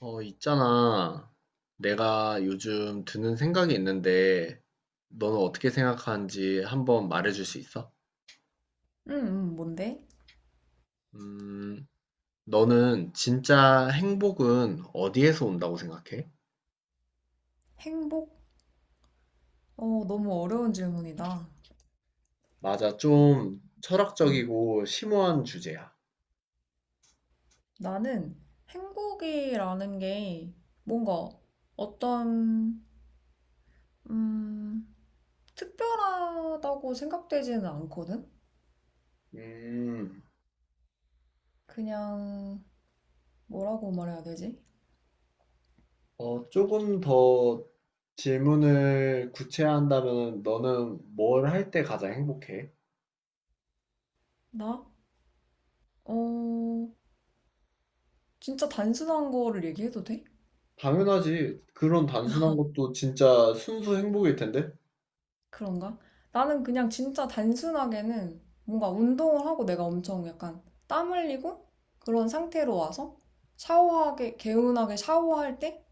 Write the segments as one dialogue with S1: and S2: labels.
S1: 있잖아. 내가 요즘 드는 생각이 있는데, 너는 어떻게 생각하는지 한번 말해줄 수 있어?
S2: 음, 뭔데?
S1: 음, 너는 진짜 행복은 어디에서 온다고 생각해?
S2: 행복? 어, 너무 어려운 질문이다.
S1: 맞아, 좀
S2: 음.
S1: 철학적이고 심오한 주제야.
S2: 나는 행복이라는 게 뭔가 어떤, 음, 특별하다고 생각되지는 않거든?
S1: 음,
S2: 그냥, 뭐라고 말해야 되지?
S1: 조금 더 질문을 구체화한다면 너는 뭘 할 때 가장 행복해?
S2: 나? 어, 진짜 단순한 거를 얘기해도 돼?
S1: 당연하지. 그런 단순한 것도 진짜 순수 행복일 텐데?
S2: 그런가? 나는 그냥 진짜 단순하게는 뭔가 운동을 하고 내가 엄청 약간 땀 흘리고 그런 상태로 와서 샤워하게, 개운하게 샤워할 때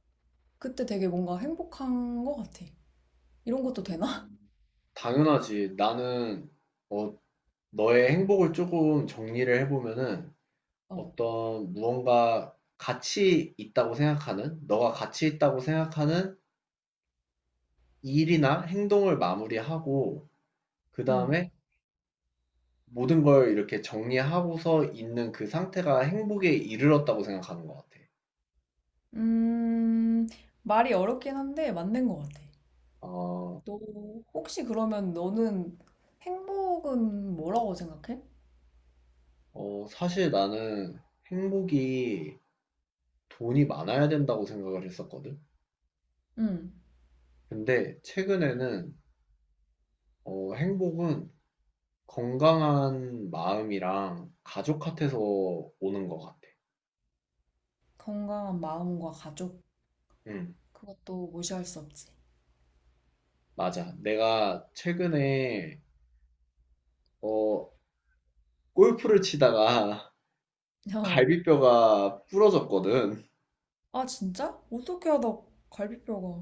S2: 그때 되게 뭔가 행복한 것 같아. 이런 것도 되나?
S1: 음. 당연하지. 나는 어, 너의 행복을 조금 정리를 해보면은
S2: 어,
S1: 어떤 무언가 가치 있다고 생각하는, 너가 가치 있다고 생각하는 일이나 행동을 마무리하고, 그
S2: 음.
S1: 다음에 모든 걸 이렇게 정리하고서 있는 그 상태가 행복에 이르렀다고 생각하는 것 같아.
S2: 음, 말이 어렵긴 한데 맞는 것 같아.
S1: 어,
S2: 너 혹시 그러면 너는 행복은 뭐라고 생각해?
S1: 사실 나는 행복이 돈이 많아야 된다고 생각을 했었거든.
S2: 음,
S1: 근데 최근에는 행복은 건강한 마음이랑 가족 같아서 오는 것 같아.
S2: 건강한 마음과 가족.
S1: 응,
S2: 그것도 무시할 수 없지.
S1: 맞아. 내가 최근에, 어, 골프를 치다가
S2: 어.
S1: 갈비뼈가 부러졌거든.
S2: 아, 진짜? 어떻게 하다 갈비뼈가.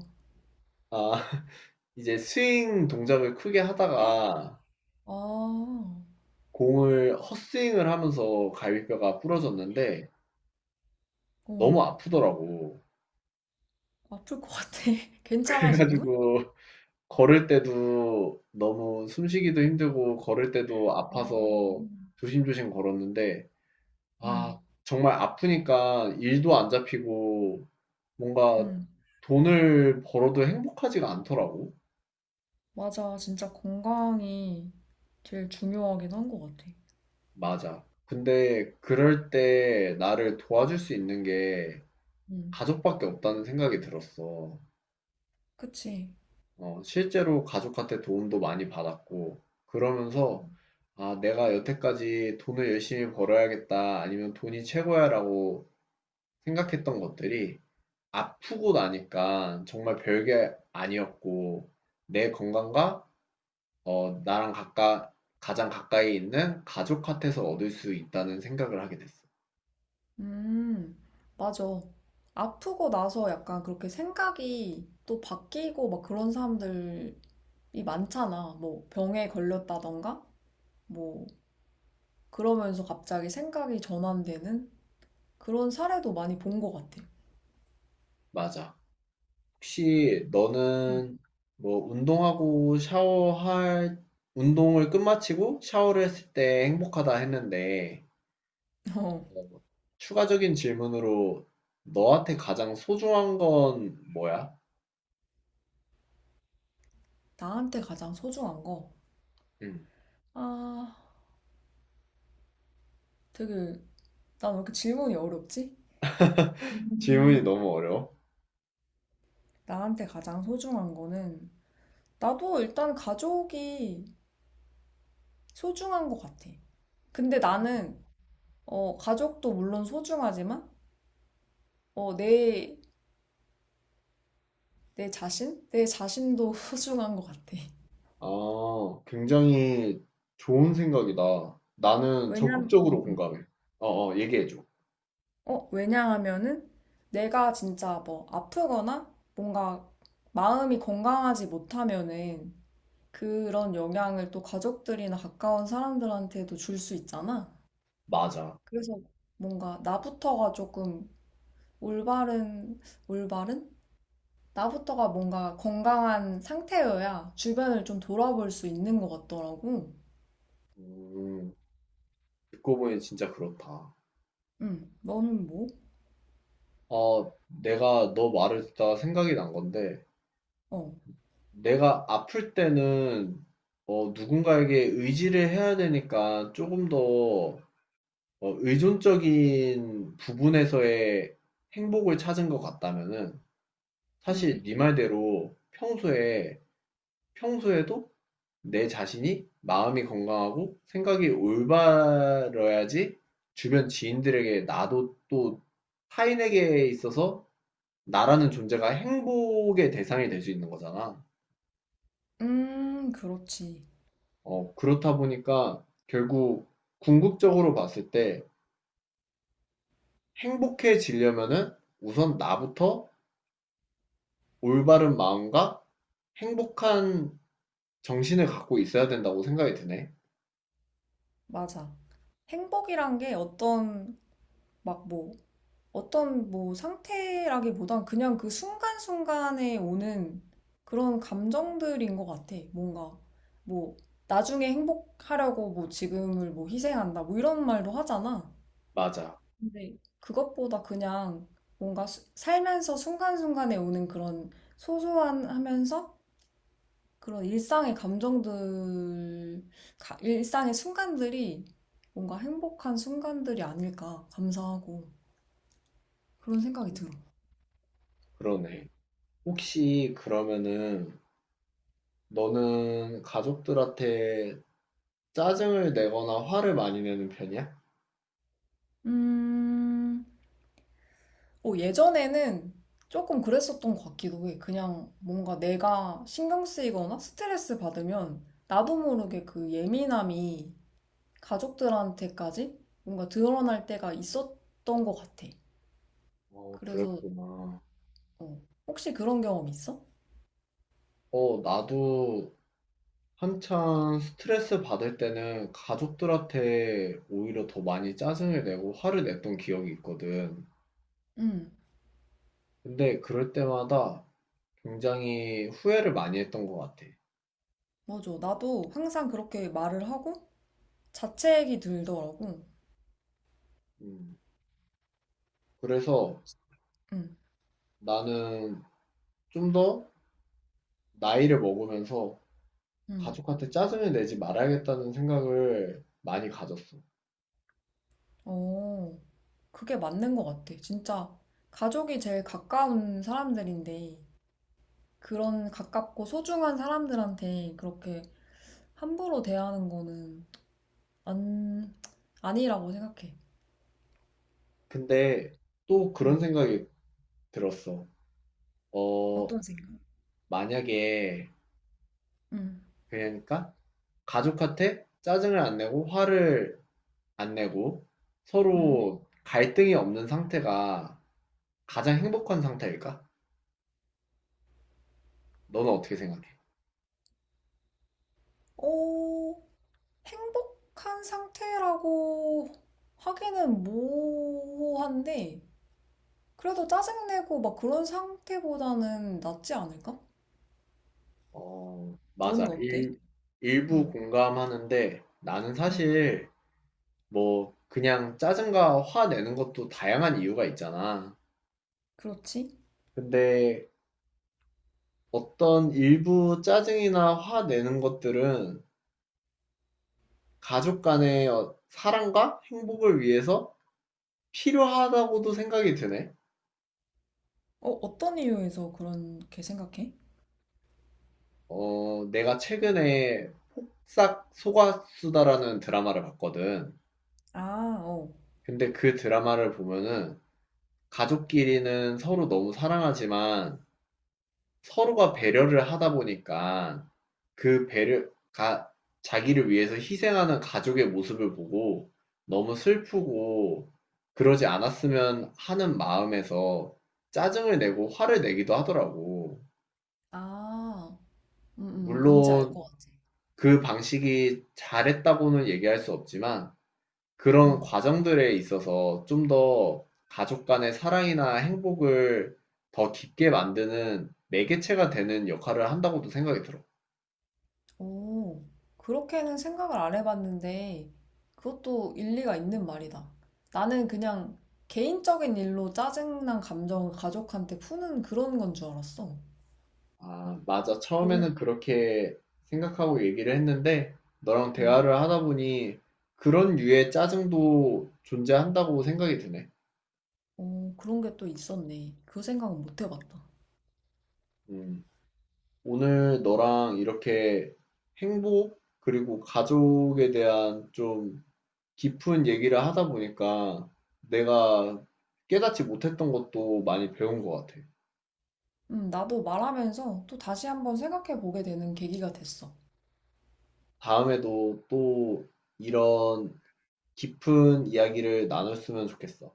S1: 아, 이제 스윙 동작을 크게 하다가
S2: 아,
S1: 공을 헛스윙을 하면서 갈비뼈가 부러졌는데
S2: 어,
S1: 너무 아프더라고.
S2: 아플 것 같아. 괜찮아, 지금은?
S1: 그래가지고 걸을 때도 너무 숨쉬기도 힘들고 걸을 때도
S2: 아,
S1: 아파서 조심조심 걸었는데
S2: 응,
S1: 아, 정말 아프니까 일도 안 잡히고 뭔가
S2: 응.
S1: 돈을 벌어도 행복하지가 않더라고.
S2: 맞아. 진짜 건강이 제일 중요하긴 한 것 같아.
S1: 맞아. 근데 그럴 때 나를 도와줄 수 있는 게
S2: 응,
S1: 가족밖에 없다는 생각이 들었어.
S2: 그치.
S1: 실제로 가족한테 도움도 많이 받았고,
S2: 응.
S1: 그러면서 아, 내가 여태까지 돈을 열심히 벌어야겠다, 아니면 돈이 최고야라고 생각했던 것들이 아프고 나니까 정말 별게 아니었고, 내 건강과 어, 나랑 가까, 가장 가까이 있는 가족한테서 얻을 수 있다는 생각을 하게 됐어.
S2: 음, 맞아. 아프고 나서 약간 그렇게 생각이 또 바뀌고 막 그런 사람들이 많잖아. 뭐 병에 걸렸다던가? 뭐, 그러면서 갑자기 생각이 전환되는? 그런 사례도 많이 본 것 같아.
S1: 맞아. 혹시 너는 뭐 운동하고 샤워할, 운동을 끝마치고 샤워를 했을 때 행복하다 했는데,
S2: 어,
S1: 뭐 추가적인 질문으로 너한테 가장 소중한 건 뭐야?
S2: 나한테 가장 소중한 거.
S1: 음.
S2: 아, 되게, 난 왜 이렇게 질문이 어렵지?
S1: 질문이
S2: 음,
S1: 너무 어려워.
S2: 나한테 가장 소중한 거는, 나도 일단 가족이 소중한 것 같아. 근데 나는, 어, 가족도 물론 소중하지만, 어, 내, 내 자신? 내 자신도 소중한 것 같아.
S1: 아, 굉장히 좋은 생각이다. 나는
S2: 왜냐면, 음,
S1: 적극적으로
S2: 음.
S1: 공감해. 얘기해줘.
S2: 어, 왜냐하면은 내가 진짜 뭐 아프거나 뭔가 마음이 건강하지 못하면은 그런 영향을 또 가족들이나 가까운 사람들한테도 줄 수 있잖아.
S1: 맞아.
S2: 그래서 뭔가 나부터가 조금 올바른, 올바른? 나부터가 뭔가 건강한 상태여야 주변을 좀 돌아볼 수 있는 것 같더라고.
S1: 음. 듣고 보니 진짜 그렇다.
S2: 응, 너는 뭐?
S1: 아, 내가 너 말을 듣다가 생각이 난 건데,
S2: 어,
S1: 내가 아플 때는 누군가에게 의지를 해야 되니까 조금 더 의존적인 부분에서의 행복을 찾은 것 같다면은,
S2: 응.
S1: 사실 네 말대로 평소에, 평소에도 내 자신이 마음이 건강하고 생각이 올바러야지 주변 지인들에게 나도 또 타인에게 있어서 나라는 존재가 행복의 대상이 될 수 있는 거잖아.
S2: 그렇지.
S1: 그렇다 보니까 결국 궁극적으로 봤을 때 행복해지려면은 우선 나부터 올바른 마음과 행복한 정신을 갖고 있어야 된다고 생각이 드네.
S2: 맞아. 행복이란 게 어떤 막뭐 어떤 뭐 상태라기보단 그냥 그 순간순간에 오는 그런 감정들인 것 같아. 뭔가 뭐 나중에 행복하려고 뭐 지금을 뭐 희생한다 뭐 이런 말도 하잖아.
S1: 맞아.
S2: 근데 그것보다 그냥 뭔가 살면서 순간순간에 오는 그런 소소한 하면서 그런 일상의 감정들, 일상의 순간들이 뭔가 행복한 순간들이 아닐까 감사하고 그런 생각이
S1: 음,
S2: 들어.
S1: 그러네. 혹시 그러면은 너는 가족들한테 짜증을 내거나 화를 많이 내는 편이야?
S2: 음, 어, 예전에는 조금 그랬었던 것 같기도 해. 그냥 뭔가 내가 신경 쓰이거나 스트레스 받으면 나도 모르게 그 예민함이 가족들한테까지 뭔가 드러날 때가 있었던 것 같아.
S1: 어,
S2: 그래서,
S1: 그랬구나.
S2: 어, 혹시 그런 경험 있어?
S1: 나도 한창 스트레스 받을 때는 가족들한테 오히려 더 많이 짜증을 내고 화를 냈던 기억이 있거든.
S2: 응,
S1: 근데 그럴 때마다 굉장히 후회를 많이 했던 것 같아.
S2: 맞아. 나도 항상 그렇게 말을 하고 자책이 들더라고.
S1: 음, 그래서
S2: 응,
S1: 나는 좀 더 나이를 먹으면서
S2: 응.
S1: 가족한테 짜증을 내지 말아야겠다는 생각을 많이 가졌어.
S2: 어, 그게 맞는 것 같아. 진짜 가족이 제일 가까운 사람들인데. 그런 가깝고 소중한 사람들한테 그렇게 함부로 대하는 거는 안, 아니라고 생각해.
S1: 근데 또 그런
S2: 음,
S1: 생각이 들었어. 어,
S2: 어떤 생각?
S1: 만약에,
S2: 응
S1: 그러니까 가족한테 짜증을 안 내고 화를 안 내고
S2: 응
S1: 서로 갈등이 없는 상태가 가장 행복한 상태일까? 너는 어떻게 생각해?
S2: 어, 행복한 상태라고 하기는 모호한데, 그래도 짜증내고 막 그런 상태보다는 낫지 않을까?
S1: 어, 맞아.
S2: 너는 어때?
S1: 일부
S2: 응
S1: 공감하는데 나는
S2: 응
S1: 사실 뭐 그냥 짜증과 화 내는 것도 다양한 이유가 있잖아.
S2: 그렇지.
S1: 근데 어떤 일부 짜증이나 화 내는 것들은 가족 간의 사랑과 행복을 위해서 필요하다고도 생각이 드네.
S2: 어, 어떤 이유에서 그렇게 생각해?
S1: 내가 최근에 싹 속았수다라는 드라마를 봤거든.
S2: 아, 어.
S1: 근데 그 드라마를 보면은 가족끼리는 서로 너무 사랑하지만 서로가 배려를 하다 보니까 그 배려가 자기를 위해서 희생하는 가족의 모습을 보고 너무 슬프고 그러지 않았으면 하는 마음에서 짜증을 내고 화를 내기도 하더라고.
S2: 아, 음, 뭔지 알
S1: 물론
S2: 것 같아.
S1: 그 방식이 잘했다고는 얘기할 수 없지만 그런
S2: 음.
S1: 과정들에 있어서 좀 더 가족 간의 사랑이나 행복을 더 깊게 만드는 매개체가 되는 역할을 한다고도 생각이 들어.
S2: 오, 그렇게는 생각을 안 해봤는데, 그것도 일리가 있는 말이다. 나는 그냥 개인적인 일로 짜증난 감정을 가족한테 푸는 그런 건 줄 알았어.
S1: 아, 맞아.
S2: 그런,
S1: 처음에는 그렇게 생각하고 얘기를 했는데 너랑
S2: 음.
S1: 대화를 하다 보니 그런 류의 짜증도 존재한다고 생각이 드네.
S2: 오, 그런 게 또 있었네. 그 생각은 못 해봤다.
S1: 음, 오늘 너랑 이렇게 행복 그리고 가족에 대한 좀 깊은 얘기를 하다 보니까 내가 깨닫지 못했던 것도 많이 배운 것 같아.
S2: 나도 말하면서 또 다시 한번 생각해 보게 되는 계기가 됐어.
S1: 다음에도 또 이런 깊은 이야기를 나눴으면 좋겠어.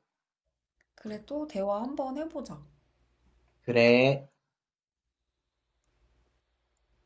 S2: 그래, 또 대화 한번 해보자.
S1: 그래.